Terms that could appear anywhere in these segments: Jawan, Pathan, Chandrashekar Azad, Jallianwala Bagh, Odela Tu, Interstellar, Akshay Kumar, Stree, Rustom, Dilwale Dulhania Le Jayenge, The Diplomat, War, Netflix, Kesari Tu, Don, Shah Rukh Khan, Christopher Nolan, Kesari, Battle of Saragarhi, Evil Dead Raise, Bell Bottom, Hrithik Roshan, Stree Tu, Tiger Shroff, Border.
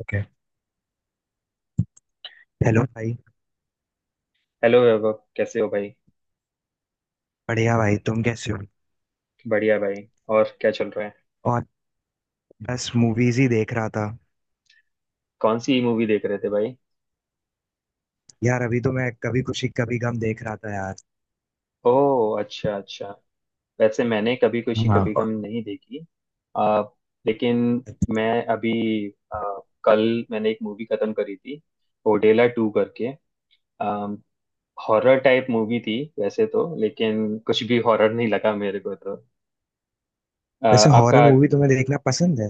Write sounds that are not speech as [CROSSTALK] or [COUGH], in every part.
Okay. Hello भाई। Hello Vaibhav, कैसे हो भाई। बढ़िया भाई, तुम कैसे हो? बढ़िया भाई। और क्या चल रहा है। और बस मूवीज ही देख रहा था। कौन सी मूवी देख रहे थे भाई। यार अभी तो मैं कभी खुशी कभी गम देख रहा था यार। ओह, अच्छा अच्छा। वैसे मैंने कभी खुशी हाँ। कभी गम और नहीं देखी। आ, लेकिन मैं अभी आ, कल मैंने एक मूवी खत्म करी थी ओडेला टू करके। हॉरर टाइप मूवी थी वैसे तो, लेकिन कुछ भी हॉरर नहीं लगा मेरे को तो। वैसे हॉरर आपका। मूवी तुम्हें देखना पसंद है?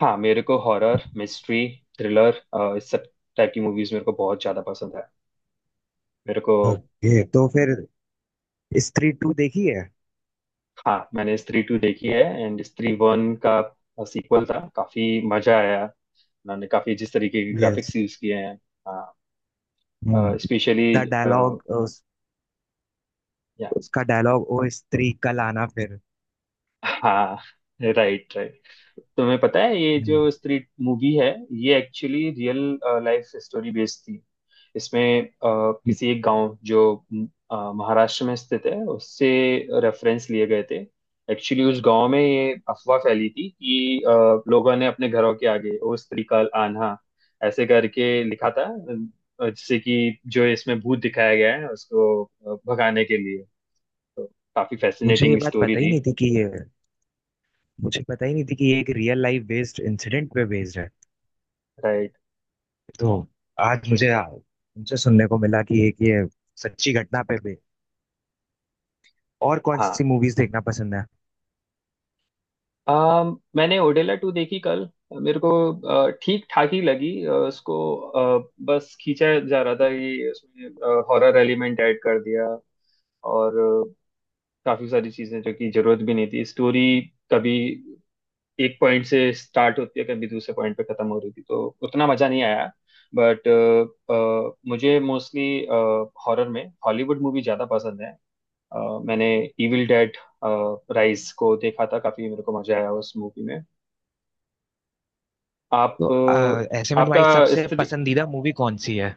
हाँ, मेरे को हॉरर मिस्ट्री थ्रिलर इस सब टाइप की मूवीज मेरे को बहुत ज्यादा पसंद है मेरे को। ओके तो फिर स्त्री टू देखी है? हाँ, मैंने स्त्री टू देखी है। एंड स्त्री वन का सीक्वल था, काफी मजा आया। उन्होंने काफी जिस तरीके के यस। ग्राफिक्स यूज किए हैं हम्म। स्पेशली। द डायलॉग उसका डायलॉग ओ स्त्री कल आना फिर। हाँ। Right right. तुम्हें पता है ये हम्म, जो स्त्री मूवी है, ये actually real life story based थी। इसमें किसी एक गांव जो महाराष्ट्र में स्थित है उससे रेफरेंस लिए गए थे। एक्चुअली उस गांव में ये अफवाह फैली थी कि लोगों ने अपने घरों के आगे ओ स्त्री का आन्हा ऐसे करके लिखा था, जिससे कि जो इसमें भूत दिखाया गया है उसको भगाने के लिए। तो काफी मुझे ये फैसिनेटिंग बात स्टोरी पता ही थी। नहीं थी कि ये, मुझे पता ही नहीं थी कि ये एक रियल लाइफ बेस्ड इंसिडेंट पे बेस्ड है। राइट। तो आज मुझे तुमसे सुनने को मिला कि एक ये सच्ची घटना पे। और कौन सी मूवीज देखना पसंद है? मैंने ओडेला टू देखी कल, मेरे को ठीक ठाक ही लगी। उसको बस खींचा जा रहा था कि उसमें हॉरर एलिमेंट ऐड कर दिया, और काफी सारी चीजें जो कि जरूरत भी नहीं थी स्टोरी। कभी एक पॉइंट से स्टार्ट होती है, कभी दूसरे पॉइंट पे खत्म हो रही थी, तो उतना मजा नहीं आया। बट मुझे मोस्टली हॉरर में हॉलीवुड मूवी ज्यादा पसंद है। अ, मैंने इविल डेड राइज को देखा था, काफी मेरे को मजा आया उस मूवी में। तो आप ऐसे में आपका तुम्हारी सबसे इस तरी- पसंदीदा मूवी कौन सी है?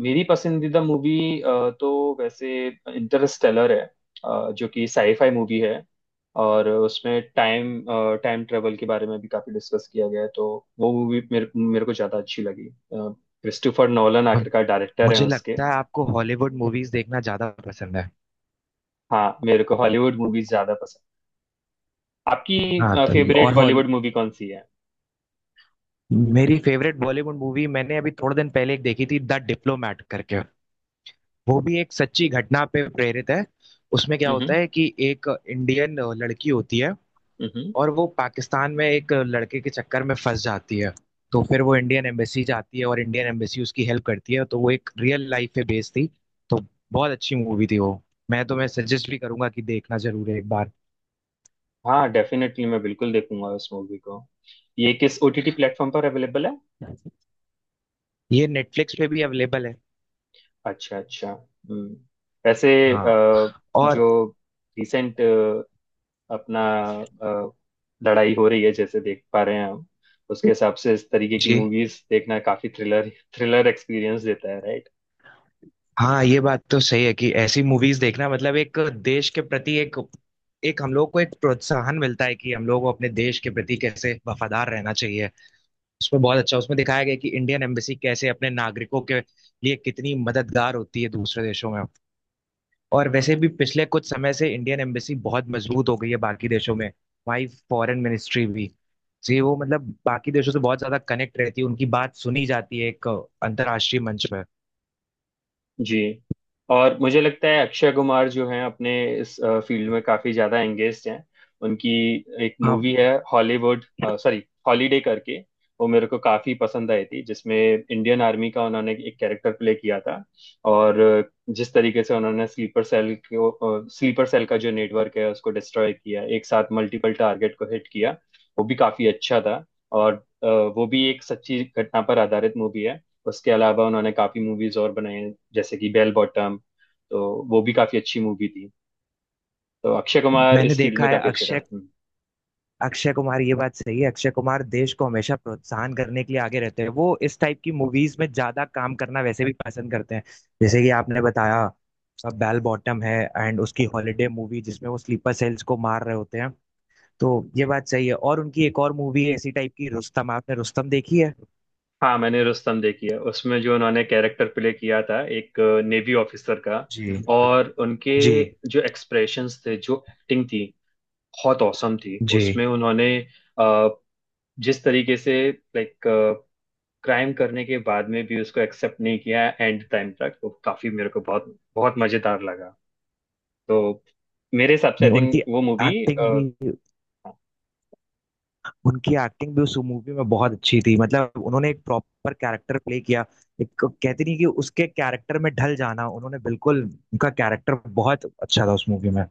मेरी पसंदीदा मूवी तो वैसे इंटरस्टेलर है, जो कि साईफाई मूवी है। और उसमें टाइम टाइम ट्रेवल के बारे में भी काफी डिस्कस किया गया है। तो वो मूवी मेरे मेरे को ज्यादा अच्छी लगी। क्रिस्टोफर नोलन मु- आखिरकार डायरेक्टर हैं मुझे उसके। लगता है आपको हॉलीवुड मूवीज देखना ज्यादा पसंद है। हाँ, मेरे को हॉलीवुड मूवीज ज्यादा पसंद। आपकी हाँ तभी। फेवरेट और हॉल। बॉलीवुड मूवी कौन सी है। मेरी फेवरेट बॉलीवुड मूवी मैंने अभी थोड़े दिन पहले एक देखी थी, द डिप्लोमैट करके। वो भी एक सच्ची घटना पे प्रेरित है। उसमें क्या हम्म होता है कि एक इंडियन लड़की होती है हम्म। और वो पाकिस्तान में एक लड़के के चक्कर में फंस जाती है। तो फिर वो इंडियन एम्बेसी जाती है और इंडियन एम्बेसी उसकी हेल्प करती है, तो वो एक रियल लाइफ पे बेस्ड थी। तो बहुत अच्छी मूवी थी वो। मैं सजेस्ट भी करूंगा कि देखना जरूर है एक बार। हाँ डेफिनेटली, मैं बिल्कुल देखूंगा उस मूवी को। ये किस ओटीटी प्लेटफॉर्म पर अवेलेबल है। ये नेटफ्लिक्स पे भी अवेलेबल है। अच्छा अच्छा, हम्म। वैसे हाँ। अ, और। जो रिसेंट अपना अ, लड़ाई हो रही है, जैसे देख पा रहे हैं हम, उसके हिसाब से इस तरीके की जी मूवीज देखना काफी थ्रिलर थ्रिलर एक्सपीरियंस देता है, right? हाँ, ये बात तो सही है कि ऐसी मूवीज देखना मतलब एक देश के प्रति एक, हम लोग को एक प्रोत्साहन मिलता है कि हम लोग को अपने देश के प्रति कैसे वफादार रहना चाहिए। उसमें बहुत अच्छा, उसमें दिखाया गया कि इंडियन एम्बेसी कैसे अपने नागरिकों के लिए कितनी मददगार होती है दूसरे देशों में। और वैसे भी पिछले कुछ समय से इंडियन एम्बेसी बहुत मजबूत हो गई है बाकी देशों में। वहीं फॉरेन मिनिस्ट्री भी, जी वो मतलब बाकी देशों से बहुत ज्यादा कनेक्ट रहती है, उनकी बात सुनी जाती है एक अंतर्राष्ट्रीय मंच पर। जी। और मुझे लगता है अक्षय कुमार जो हैं अपने इस फील्ड में काफी ज्यादा एंगेज्ड हैं। उनकी एक हाँ मूवी है हॉलीवुड, सॉरी हॉलीडे करके। वो मेरे को काफी पसंद आई थी, जिसमें इंडियन आर्मी का उन्होंने एक कैरेक्टर प्ले किया था। और जिस तरीके से उन्होंने स्लीपर सेल का जो नेटवर्क है उसको डिस्ट्रॉय किया, एक साथ मल्टीपल टारगेट को हिट किया, वो भी काफी अच्छा था। और वो भी एक सच्ची घटना पर आधारित मूवी है। उसके अलावा उन्होंने काफी मूवीज और बनाई हैं, जैसे कि बेल बॉटम, तो वो भी काफी अच्छी मूवी थी। तो अक्षय कुमार मैंने इस फील्ड देखा में है काफी अच्छे कर, अक्षय अक्षय कुमार। ये बात सही है, अक्षय कुमार देश को हमेशा प्रोत्साहन करने के लिए आगे रहते हैं, वो इस टाइप की मूवीज में ज्यादा काम करना वैसे भी पसंद करते हैं, जैसे कि आपने बताया। बेल बॉटम है एंड उसकी हॉलीडे मूवी जिसमें वो स्लीपर सेल्स को मार रहे होते हैं। तो ये बात सही है, और उनकी एक और मूवी है इसी टाइप की, रुस्तम। आपने रुस्तम देखी है? हाँ, मैंने रुस्तम देखी है। उसमें जो उन्होंने कैरेक्टर प्ले किया था एक नेवी ऑफिसर का, जी। और उनके जी। जो एक्सप्रेशंस थे जो एक्टिंग थी बहुत औसम थी जी। उसमें उन्होंने। अ, जिस तरीके से लाइक क्राइम करने के बाद में भी उसको एक्सेप्ट नहीं किया एंड टाइम तक, वो काफी मेरे को बहुत बहुत मजेदार लगा। तो मेरे हिसाब से नहीं, आई थिंक उनकी वो मूवी। एक्टिंग भी, उस मूवी में बहुत अच्छी थी, मतलब उन्होंने एक प्रॉपर कैरेक्टर प्ले किया। एक कहते नहीं कि उसके कैरेक्टर में ढल जाना, उन्होंने बिल्कुल उनका कैरेक्टर बहुत अच्छा था उस मूवी में।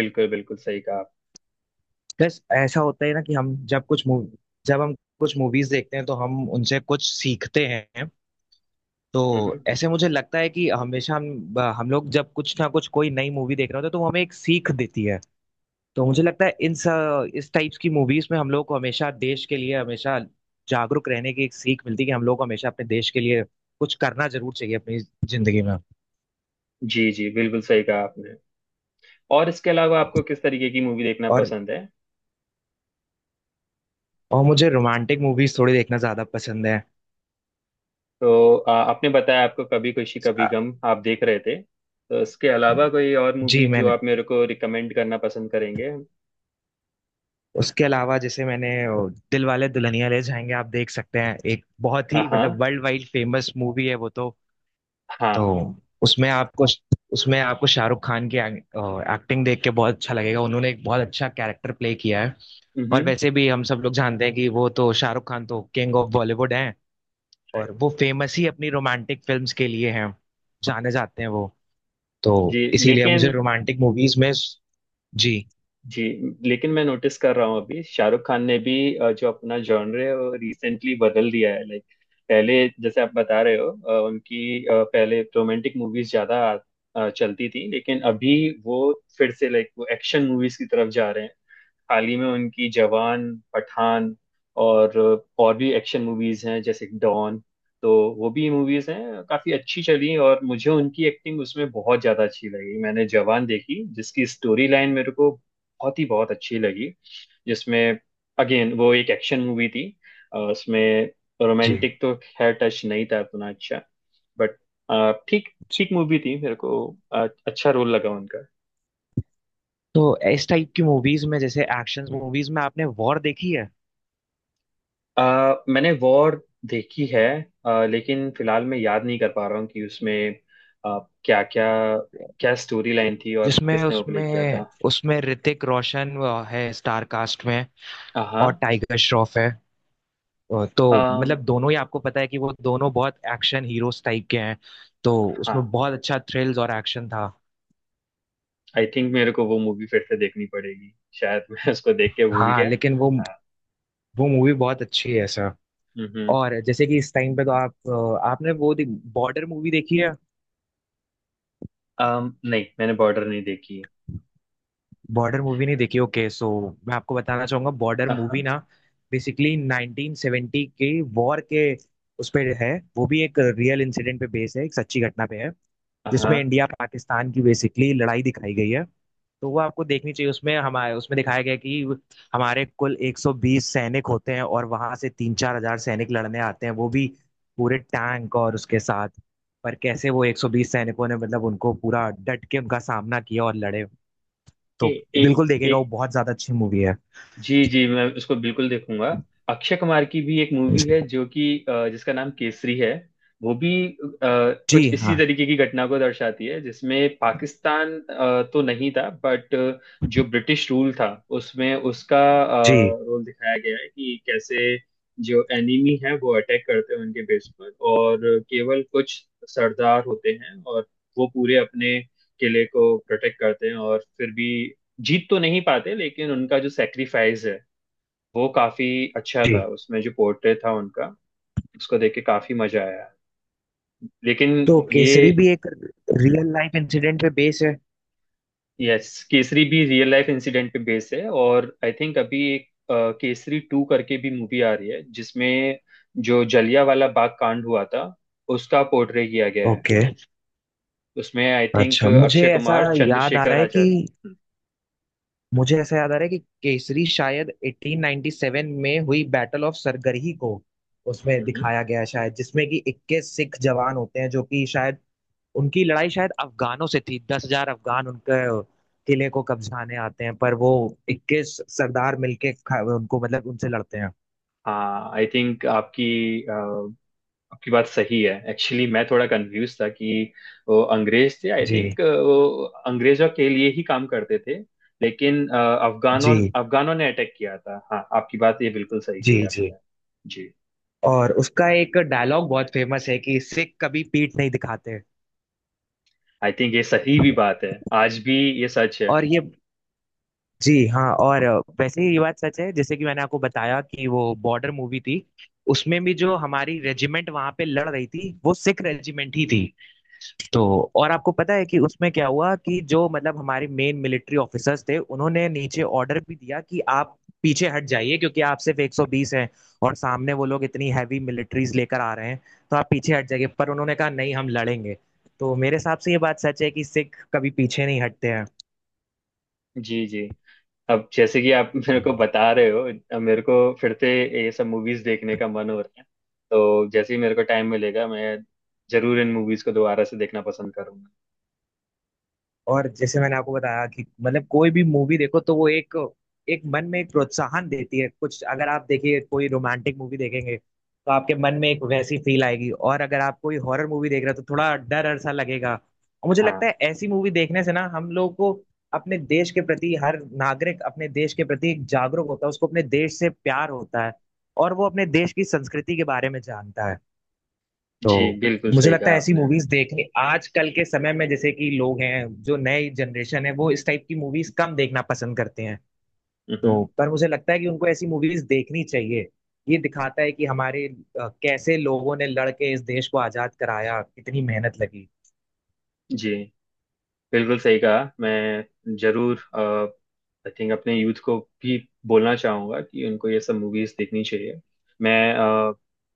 बिल्कुल बिल्कुल सही कहा आप। बस ऐसा होता है ना कि हम कुछ मूवीज देखते हैं तो हम उनसे कुछ सीखते हैं। तो हम्म। ऐसे मुझे लगता है कि हमेशा हम लोग जब कुछ ना कुछ कोई नई मूवी देख रहे होते हैं तो वो हमें एक सीख देती है। तो मुझे लगता है इस टाइप्स की मूवीज में हम लोग को हमेशा देश के लिए हमेशा जागरूक रहने की एक सीख मिलती है कि हम लोग को हमेशा अपने देश के लिए कुछ करना जरूर चाहिए अपनी जिंदगी में। जी जी, बिल्कुल सही कहा आपने। और इसके अलावा आपको किस तरीके की मूवी देखना और पसंद है। मुझे रोमांटिक मूवीज थोड़ी देखना ज्यादा पसंद है। तो आपने बताया आपको कभी खुशी कभी अ, गम आप देख रहे थे, तो इसके अलावा कोई और जी मूवी जो मैंने, आप मेरे को रिकमेंड करना पसंद करेंगे। उसके अलावा जैसे मैंने दिल वाले दुल्हनिया ले जाएंगे, आप देख सकते हैं। एक बहुत ही मतलब हाँ वर्ल्ड वाइड फेमस मूवी है वो तो। तो हाँ। उसमें आपको, शाहरुख खान की एक्टिंग देख के बहुत अच्छा लगेगा, उन्होंने एक बहुत अच्छा कैरेक्टर प्ले किया है। और हम्म। वैसे भी हम सब लोग जानते हैं कि वो तो शाहरुख खान तो किंग ऑफ बॉलीवुड हैं। और राइट। वो फेमस ही अपनी रोमांटिक फिल्म्स के लिए हैं, जाने जाते हैं वो। तो जी इसीलिए मुझे लेकिन रोमांटिक मूवीज में। जी। जी, लेकिन मैं नोटिस कर रहा हूँ अभी शाहरुख खान ने भी जो अपना जॉनर है वो रिसेंटली बदल दिया है, लाइक पहले जैसे आप बता रहे हो उनकी पहले रोमांटिक मूवीज ज्यादा चलती थी, लेकिन अभी वो फिर से लाइक वो एक्शन मूवीज की तरफ जा रहे हैं। हाल ही में उनकी जवान, पठान और और भी एक्शन मूवीज हैं जैसे डॉन, तो वो भी मूवीज हैं काफी अच्छी चली, और मुझे उनकी एक्टिंग उसमें बहुत ज्यादा अच्छी लगी। मैंने जवान देखी जिसकी स्टोरी लाइन मेरे को बहुत ही बहुत अच्छी लगी, जिसमें अगेन वो एक एक्शन मूवी थी। उसमें जी। रोमांटिक तो खैर टच नहीं था उतना अच्छा, बट ठीक जी। ठीक मूवी थी मेरे को। अच्छा रोल लगा उनका। तो इस टाइप की मूवीज में जैसे एक्शन मूवीज में आपने वॉर देखी है? मैंने वॉर देखी है, लेकिन फिलहाल मैं याद नहीं कर पा रहा हूँ कि उसमें आ, क्या क्या क्या स्टोरी लाइन थी और जिसमें किसने वो प्ले किया था। उसमें उसमें ऋतिक रोशन है स्टार कास्ट में, और हाँ। टाइगर श्रॉफ है। तो अम, मतलब दोनों ही आपको पता है कि वो दोनों बहुत एक्शन हीरोज टाइप के हैं। तो उसमें हाँ, बहुत अच्छा थ्रिल्स और एक्शन था। आई थिंक मेरे को वो मूवी फिर से देखनी पड़ेगी शायद। [LAUGHS] मैं उसको देख के भूल हाँ गया। लेकिन हाँ। वो मूवी बहुत अच्छी है सर। हम्म। और जैसे कि इस टाइम पे तो आप, आपने वो बॉर्डर मूवी देखी है? नहीं, मैंने बॉर्डर नहीं देखी। बॉर्डर मूवी नहीं देखी? ओके सो मैं आपको बताना चाहूंगा, बॉर्डर मूवी हाँ ना बेसिकली 1970 के वॉर के उस पे है। वो भी एक रियल इंसिडेंट पे बेस है, एक सच्ची घटना पे है, हाँ। जिसमें इंडिया पाकिस्तान की बेसिकली लड़ाई दिखाई गई है। तो वो आपको देखनी चाहिए। उसमें हमारे, उसमें दिखाया गया है कि हमारे कुल 120 सैनिक होते हैं और वहां से 3-4 हजार सैनिक लड़ने आते हैं, वो भी पूरे टैंक और उसके साथ। पर कैसे वो 120 सैनिकों ने, मतलब उनको पूरा डट के उनका सामना किया और लड़े। ए, तो ए, बिल्कुल देखेगा, वो एक। बहुत ज्यादा अच्छी मूवी है। जी जी, मैं उसको बिल्कुल देखूंगा। अक्षय कुमार की भी एक मूवी जी है जो कि जिसका नाम केसरी है। वो भी जी, कुछ इसी हाँ। तरीके की घटना को दर्शाती है, जिसमें पाकिस्तान तो नहीं था, बट जो ब्रिटिश रूल था उसमें उसका जी रोल दिखाया गया है कि कैसे जो एनिमी है वो अटैक करते हैं उनके बेस पर, और केवल कुछ सरदार होते हैं और वो पूरे अपने किले को प्रोटेक्ट करते हैं, और फिर भी जीत तो नहीं पाते, लेकिन उनका जो सेक्रीफाइस है वो काफी अच्छा जी। था उसमें जो पोर्ट्रेट था उनका, उसको देख के काफी मजा आया। लेकिन तो ये केसरी भी एक रियल लाइफ इंसिडेंट पे बेस है। यस, केसरी भी रियल लाइफ इंसिडेंट पे बेस है। और आई थिंक अभी एक केसरी टू करके भी मूवी आ रही है, जिसमें जो जलियांवाला बाग कांड हुआ था उसका पोर्ट्रे किया गया है। ओके। उसमें आई थिंक अच्छा, मुझे अक्षय ऐसा कुमार याद आ चंद्रशेखर रहा है कि, आजाद। हम्म, मुझे ऐसा याद आ रहा है कि केसरी शायद 1897 में हुई बैटल ऑफ सरगढ़ी को उसमें हम्म। दिखाया गया है शायद, जिसमें कि 21 सिख जवान होते हैं, जो कि शायद उनकी लड़ाई शायद अफगानों से थी। 10 हजार अफगान उनके किले को कब्जाने आते हैं, पर वो 21 सरदार मिलके उनको, मतलब उनसे लड़ते हैं। हाँ आई थिंक आपकी आपकी बात सही है। एक्चुअली मैं थोड़ा कंफ्यूज था कि वो अंग्रेज थे आई जी। थिंक, वो अंग्रेजों के लिए ही काम करते थे। लेकिन अफगानों जी। अफगानों ने अटैक किया था। हाँ आपकी बात ये बिल्कुल सही जी। कही जी। आपने। जी। और उसका एक डायलॉग बहुत फेमस है कि सिख कभी पीठ नहीं दिखाते। आई थिंक ये सही भी बात है। आज भी ये सच है। और ये, जी हाँ, और वैसे ही ये बात सच है, जैसे कि मैंने आपको बताया कि वो बॉर्डर मूवी थी, उसमें भी जो हमारी रेजिमेंट वहां पे लड़ रही थी वो सिख रेजिमेंट ही थी। तो और आपको पता है कि उसमें क्या हुआ, कि जो मतलब हमारे मेन मिलिट्री ऑफिसर्स थे, उन्होंने नीचे ऑर्डर भी दिया कि आप पीछे हट जाइए क्योंकि आप सिर्फ 120 हैं, और सामने वो लोग इतनी हैवी मिलिट्रीज लेकर आ रहे हैं, तो आप पीछे हट जाइए, पर उन्होंने कहा नहीं हम लड़ेंगे। तो मेरे हिसाब से ये बात सच है कि सिख कभी पीछे नहीं हटते जी जी, अब जैसे कि आप मेरे को हैं। बता रहे हो, अब मेरे को फिर से ये सब मूवीज देखने का मन हो रहा है। तो जैसे ही मेरे को टाइम मिलेगा मैं जरूर इन मूवीज को दोबारा से देखना पसंद करूंगा। और जैसे मैंने आपको बताया कि मतलब कोई भी मूवी देखो तो वो एक, मन में एक प्रोत्साहन देती है कुछ। अगर आप देखिए, कोई रोमांटिक मूवी देखेंगे तो आपके मन में एक वैसी फील आएगी, और अगर आप कोई हॉरर मूवी देख रहे हो तो थोड़ा डर डर सा लगेगा, और मुझे हाँ। लगता है ऐसी मूवी देखने से ना हम लोगों को, अपने देश के प्रति, हर नागरिक अपने देश के प्रति जागरूक होता है, उसको अपने देश से प्यार होता है और वो अपने देश की संस्कृति के बारे में जानता है। जी, तो बिल्कुल मुझे सही लगता कहा है ऐसी आपने। मूवीज देखने आजकल के समय में, जैसे कि लोग हैं जो नए जनरेशन है, वो इस टाइप की मूवीज कम देखना पसंद करते हैं। तो हम्म। पर मुझे लगता है कि उनको ऐसी मूवीज देखनी चाहिए। ये दिखाता है कि हमारे कैसे लोगों ने लड़ के इस देश को आजाद कराया, कितनी मेहनत लगी। जी, बिल्कुल सही कहा। मैं जरूर आई थिंक अपने यूथ को भी बोलना चाहूंगा कि उनको ये सब मूवीज देखनी चाहिए। मैं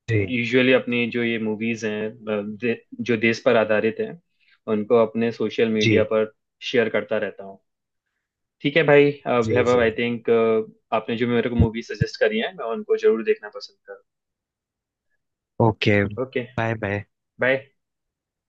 जी। यूजुअली अपनी जो ये मूवीज हैं जो देश पर आधारित हैं उनको अपने सोशल जी। मीडिया पर शेयर करता रहता हूँ। ठीक है भाई जी। वैभव, जी। आई थिंक आपने जो मेरे को मूवी सजेस्ट करी है मैं उनको जरूर देखना पसंद करूँ। Okay. Okay bye bye. Bye.